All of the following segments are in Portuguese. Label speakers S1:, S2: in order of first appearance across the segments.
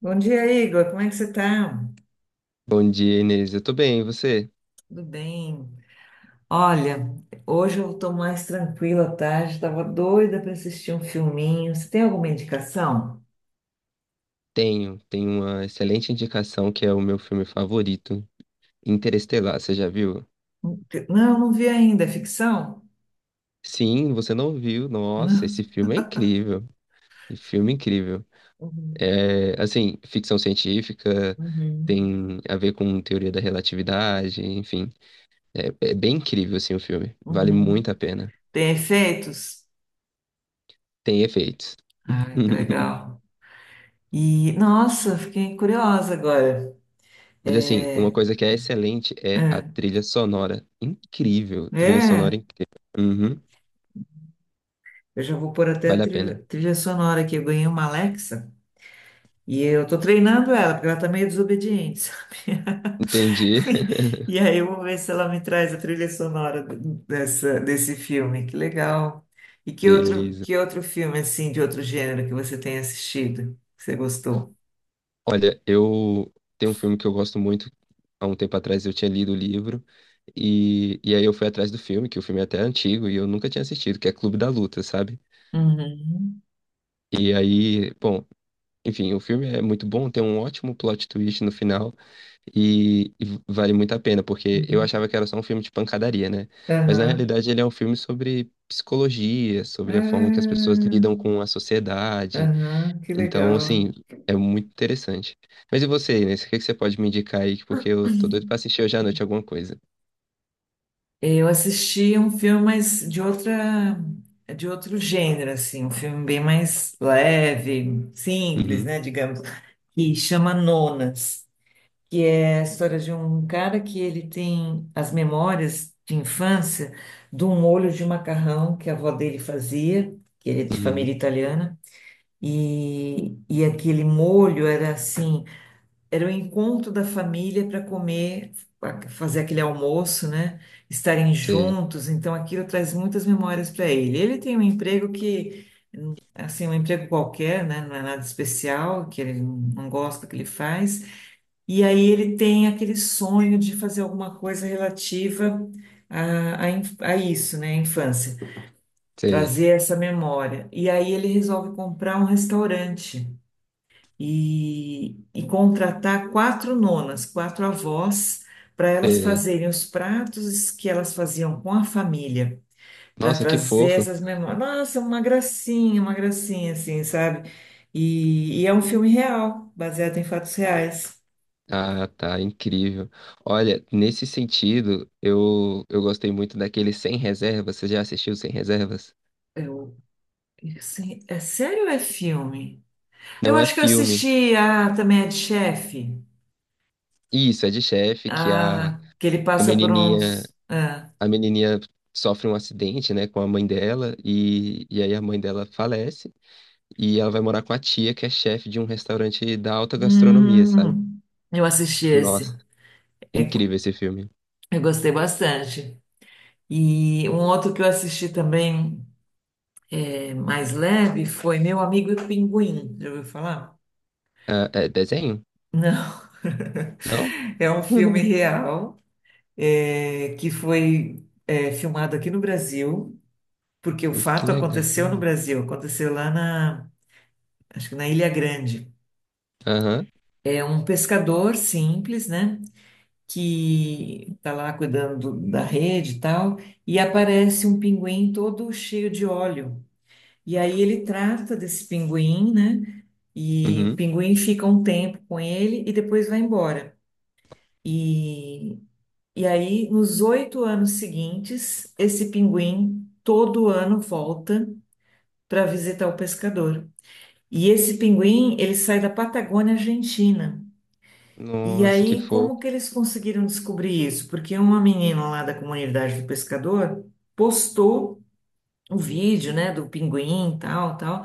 S1: Bom dia, Igor. Como é que você tá?
S2: Bom dia, Inês. Eu tô bem, e você?
S1: Tudo bem? Olha, hoje eu tô mais tranquila à tarde, tava doida para assistir um filminho. Você tem alguma indicação?
S2: Tenho uma excelente indicação que é o meu filme favorito, Interestelar. Você já viu?
S1: Não, eu não vi ainda. É ficção?
S2: Sim, você não viu? Nossa, esse
S1: Não.
S2: filme é incrível. Que filme é incrível.
S1: Uhum,
S2: É, assim, ficção científica,
S1: uhum,
S2: tem a ver com teoria da relatividade, enfim. É, é bem incrível, assim, o filme. Vale
S1: uhum.
S2: muito a pena.
S1: Tem efeitos?
S2: Tem efeitos.
S1: Ah, que legal. E, nossa, fiquei curiosa agora.
S2: Mas assim, uma
S1: É,
S2: coisa que é excelente é
S1: é,
S2: a trilha sonora. Incrível, trilha sonora
S1: é.
S2: incrível. Uhum.
S1: Eu já vou pôr até a
S2: Vale a pena.
S1: trilha sonora aqui. Eu ganhei uma Alexa e eu tô treinando ela, porque ela tá meio desobediente.
S2: Entendi.
S1: E aí eu vou ver se ela me traz a trilha sonora desse filme. Que legal. E que outro,
S2: Beleza.
S1: que outro filme, assim, de outro gênero que você tem assistido, que você gostou?
S2: Olha, eu tenho um filme que eu gosto muito. Há um tempo atrás eu tinha lido o livro. E aí eu fui atrás do filme, que o filme é até antigo e eu nunca tinha assistido, que é Clube da Luta, sabe?
S1: Uhum.
S2: E aí, bom, enfim, o filme é muito bom, tem um ótimo plot twist no final e vale muito a pena, porque eu
S1: Uhum.
S2: achava que era só um filme de pancadaria, né? Mas na
S1: Aham.
S2: realidade ele é um filme sobre psicologia, sobre a forma que as pessoas
S1: Ah,
S2: lidam com a sociedade.
S1: aham, que
S2: Então,
S1: legal.
S2: assim, é muito interessante. Mas e você, Inês? O que que você pode me indicar aí? Porque eu tô doido pra assistir hoje à noite alguma coisa.
S1: Eu assisti um filme, mas de outro gênero, assim, um filme bem mais leve, simples,
S2: Uhum,
S1: né, digamos, que chama Nonas. Que é a história de um cara que ele tem as memórias de infância de um molho de macarrão que a avó dele fazia, que ele é de família
S2: uhum.
S1: italiana, e aquele molho era assim, era o encontro da família para comer, pra fazer aquele almoço, né? Estarem
S2: Sei,
S1: juntos, então aquilo traz muitas memórias para ele. Ele tem um emprego que Assim, um emprego qualquer, né? Não é nada especial, que ele não gosta do que ele faz, e aí ele tem aquele sonho de fazer alguma coisa relativa a isso, né? A infância,
S2: sei,
S1: trazer essa memória. E aí ele resolve comprar um restaurante e contratar quatro nonas, quatro avós, para elas
S2: sei.
S1: fazerem os pratos que elas faziam com a família, para
S2: Nossa, que
S1: trazer
S2: fofo.
S1: essas memórias. Nossa, uma gracinha, assim, sabe? E é um filme real, baseado em fatos reais.
S2: Ah, tá, incrível. Olha, nesse sentido, eu gostei muito daquele Sem Reservas. Você já assistiu Sem Reservas?
S1: Sim, é sério ou é filme? Eu
S2: Não é
S1: acho que eu
S2: filme.
S1: assisti a também a de chefe.
S2: Isso, é de chefe que
S1: Ah, que ele
S2: a
S1: passa por
S2: menininha,
S1: uns. Ah,
S2: a menininha sofre um acidente, né, com a mãe dela e aí a mãe dela falece. E ela vai morar com a tia, que é chefe de um restaurante da alta gastronomia, sabe?
S1: hum, eu assisti
S2: Nossa,
S1: esse. É,
S2: incrível esse filme.
S1: eu gostei bastante. E um outro que eu assisti também mais leve foi Meu Amigo Pinguim. Já ouviu falar?
S2: Ah, é desenho?
S1: Não.
S2: Não?
S1: É um filme real que foi filmado aqui no Brasil, porque o
S2: Que
S1: fato
S2: legal.
S1: aconteceu no Brasil, aconteceu lá na acho que na Ilha Grande.
S2: Aham.
S1: É um pescador simples, né? Que está lá cuidando da rede e tal, e aparece um pinguim todo cheio de óleo. E aí ele trata desse pinguim, né? E o
S2: Uhum.
S1: pinguim fica um tempo com ele e depois vai embora. E, e aí, nos 8 anos seguintes, esse pinguim todo ano volta para visitar o pescador. E esse pinguim, ele sai da Patagônia Argentina. E
S2: Nossa, que
S1: aí,
S2: fofo.
S1: como que eles conseguiram descobrir isso? Porque uma menina lá da comunidade do pescador postou o vídeo, né, do pinguim, tal, tal.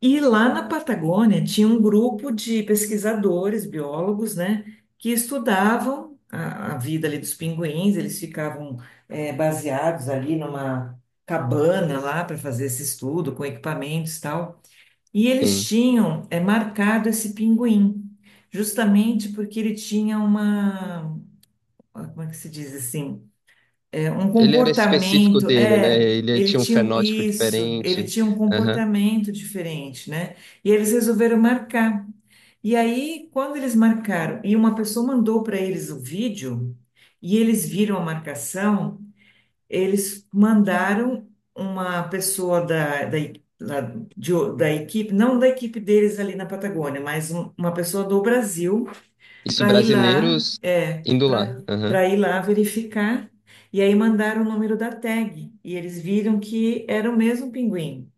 S1: E lá na Patagônia tinha um grupo de pesquisadores, biólogos, né, que estudavam a vida ali dos pinguins. Eles ficavam baseados ali numa cabana lá para fazer esse estudo com equipamentos, tal. E eles
S2: Sim.
S1: tinham marcado esse pinguim, justamente porque ele tinha uma, ah, como é que se diz assim? É, um
S2: Ele era específico
S1: comportamento,
S2: dele, né? Ele
S1: ele
S2: tinha um
S1: tinha
S2: fenótipo
S1: isso, ele
S2: diferente.
S1: tinha um
S2: Aham.
S1: comportamento diferente, né? E eles resolveram marcar. E aí, quando eles marcaram, e uma pessoa mandou para eles o vídeo, e eles viram a marcação. Eles mandaram uma pessoa lá da equipe, não da equipe deles ali na Patagônia, mas uma pessoa do Brasil
S2: Isso,
S1: para ir lá,
S2: brasileiros indo
S1: para
S2: lá. Aham.
S1: para ir lá verificar. E aí mandaram o número da tag e eles viram que era o mesmo pinguim.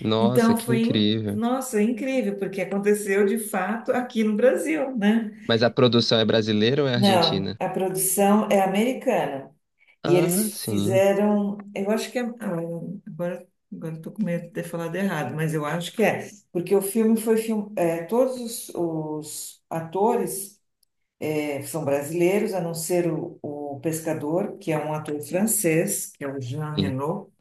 S2: Nossa,
S1: Então
S2: que
S1: foi,
S2: incrível.
S1: nossa, incrível, porque aconteceu de fato aqui no Brasil, né?
S2: Mas a produção é brasileira ou é
S1: Não,
S2: argentina?
S1: a produção é americana. E
S2: Ah,
S1: eles
S2: sim.
S1: fizeram, eu acho que é, ah, agora, agora estou com medo de ter falado errado, mas eu acho que é, porque o filme foi todos os atores são brasileiros, a não ser o pescador, que é um ator francês, que é o Jean
S2: Sim.
S1: Reno,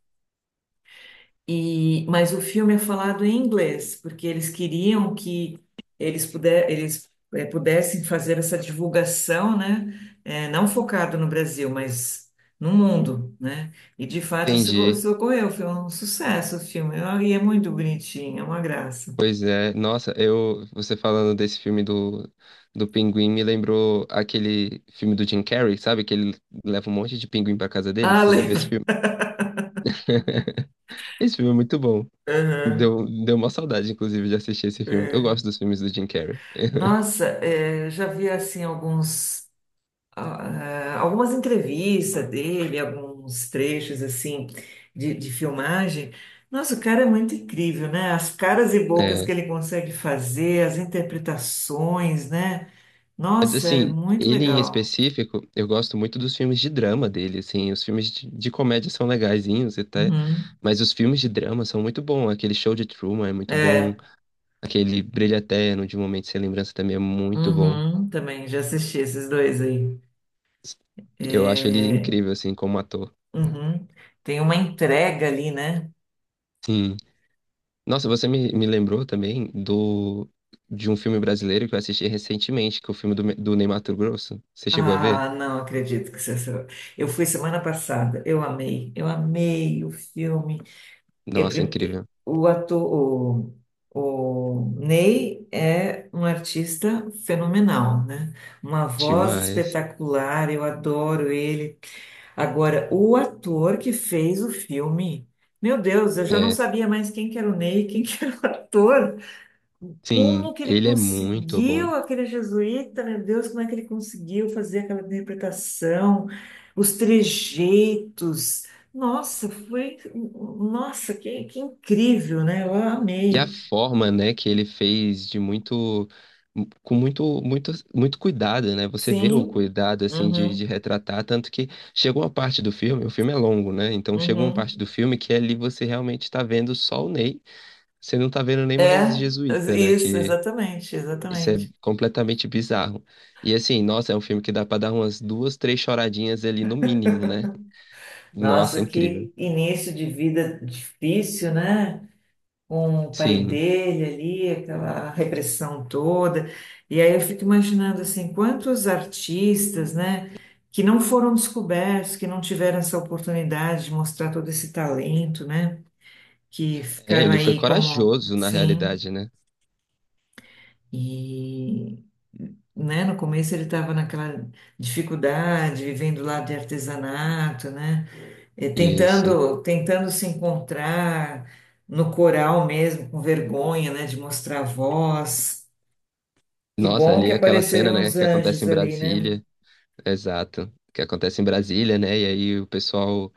S1: e, mas o filme é falado em inglês, porque eles queriam que eles, pudessem fazer essa divulgação, né? Não focado no Brasil, mas no mundo, né? E de fato isso, go-
S2: Entendi.
S1: isso ocorreu, foi um sucesso o filme. Ah, e é muito bonitinho, é uma graça.
S2: Pois é, nossa, eu, você falando desse filme do pinguim me lembrou aquele filme do Jim Carrey, sabe? Que ele leva um monte de pinguim pra casa dele.
S1: Ah,
S2: Você já viu
S1: lembro.
S2: esse filme? Esse filme é muito bom.
S1: Aham,
S2: Deu uma saudade, inclusive, de assistir esse filme. Eu
S1: é.
S2: gosto dos filmes do Jim Carrey.
S1: Nossa, já vi assim alguns. Ah, algumas entrevistas dele, alguns trechos assim de filmagem. Nossa, o cara é muito incrível, né? As caras e bocas
S2: É,
S1: que ele consegue fazer, as interpretações, né?
S2: mas,
S1: Nossa, é
S2: assim,
S1: muito
S2: ele em
S1: legal.
S2: específico, eu gosto muito dos filmes de drama dele, assim. Os filmes de comédia são legaisinhos até,
S1: Uhum.
S2: mas os filmes de drama são muito bons. Aquele Show de Truman é muito bom.
S1: É,
S2: Aquele Brilho Eterno de Um Momento Sem Lembrança também é muito bom.
S1: uhum, também já assisti esses dois aí.
S2: Eu acho ele
S1: É,
S2: incrível, assim, como ator.
S1: uhum. Tem uma entrega ali, né?
S2: Sim. Nossa, você me lembrou também do de um filme brasileiro que eu assisti recentemente, que é o filme do, do Ney Matogrosso. Você chegou a ver?
S1: Ah, não acredito que você. Eu fui semana passada, eu amei o filme.
S2: Nossa, incrível.
S1: O ator, o Ney é um artista fenomenal, né? Uma voz
S2: Demais.
S1: espetacular, eu adoro ele. Agora, o ator que fez o filme, meu Deus, eu já não
S2: É.
S1: sabia mais quem que era o Ney, quem que era o ator.
S2: Sim,
S1: Como que ele
S2: ele é muito bom.
S1: conseguiu, aquele jesuíta, meu Deus, como é que ele conseguiu fazer aquela interpretação, os trejeitos? Nossa, foi, nossa, que incrível, né? Eu
S2: E a
S1: amei.
S2: forma, né, que ele fez de muito, com muito, muito, muito cuidado, né? Você vê o
S1: Sim,
S2: cuidado, assim, de
S1: uhum,
S2: retratar, tanto que chega uma parte do filme, o filme é longo, né? Então chega uma parte
S1: uhum.
S2: do filme que ali você realmente está vendo só o Ney, você não tá vendo nem mais
S1: É,
S2: Jesuíta, né?
S1: isso,
S2: Que
S1: exatamente,
S2: isso é
S1: exatamente.
S2: completamente bizarro. E assim, nossa, é um filme que dá pra dar umas duas, três choradinhas ali no mínimo, né? Nossa,
S1: Nossa,
S2: incrível.
S1: que início de vida difícil, né? Com o pai
S2: Sim.
S1: dele ali, aquela repressão toda. E aí eu fico imaginando assim, quantos artistas, né, que não foram descobertos, que não tiveram essa oportunidade de mostrar todo esse talento, né, que
S2: É,
S1: ficaram
S2: ele foi
S1: aí como,
S2: corajoso na
S1: sim,
S2: realidade, né?
S1: e né, no começo ele estava naquela dificuldade, vivendo lá de artesanato, né? É,
S2: Isso.
S1: tentando, tentando se encontrar no coral mesmo, com vergonha, né, de mostrar a voz. Que
S2: Nossa,
S1: bom
S2: ali
S1: que
S2: é aquela cena,
S1: apareceram
S2: né,
S1: os
S2: que acontece
S1: anjos
S2: em
S1: ali, né?
S2: Brasília, exato, que acontece em Brasília, né, e aí o pessoal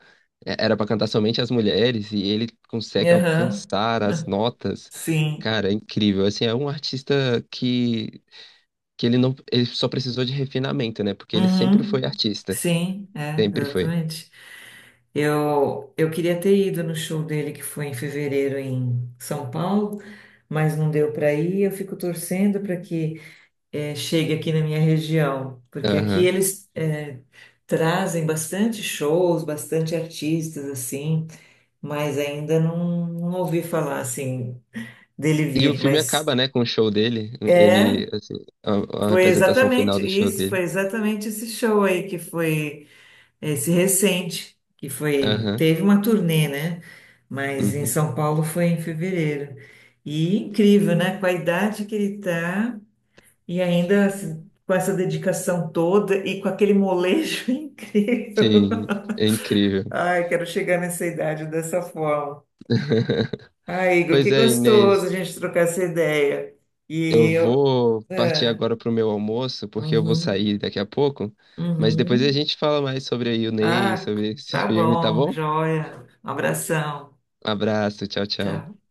S2: é, era pra cantar somente as mulheres e ele consegue
S1: Aham,
S2: alcançar as notas,
S1: sim.
S2: cara, é incrível, assim, é um artista que ele não, ele só precisou de refinamento, né, porque ele sempre foi
S1: Uhum,
S2: artista,
S1: sim, é,
S2: sempre foi,
S1: exatamente. Eu queria ter ido no show dele, que foi em fevereiro em São Paulo, mas não deu para ir. Eu fico torcendo para que chegue aqui na minha região, porque aqui
S2: aham.
S1: eles trazem bastante shows, bastante artistas assim, mas ainda não ouvi falar assim dele
S2: E o
S1: vir,
S2: filme
S1: mas
S2: acaba, né, com o show dele,
S1: é,
S2: ele, assim, a
S1: foi
S2: representação final
S1: exatamente
S2: do show
S1: isso, foi
S2: dele,
S1: exatamente esse show aí que foi esse recente, que foi,
S2: aham,
S1: teve uma turnê, né? Mas em
S2: uhum.
S1: São Paulo foi em fevereiro. E incrível, né? Com a idade que ele tá, e ainda com essa dedicação toda e com aquele molejo incrível.
S2: Sim, é incrível.
S1: Ai, quero chegar nessa idade dessa forma. Ai, Igor,
S2: Pois
S1: que
S2: é,
S1: gostoso a
S2: Inês.
S1: gente trocar essa ideia.
S2: Eu
S1: E eu.
S2: vou partir
S1: É,
S2: agora pro meu almoço, porque eu vou
S1: uhum,
S2: sair daqui a pouco. Mas depois a
S1: uhum.
S2: gente fala mais sobre a Yunei,
S1: Ah,
S2: sobre esse
S1: tá
S2: filme, tá
S1: bom,
S2: bom?
S1: joia. Um abração.
S2: Abraço, tchau, tchau.
S1: Tchau.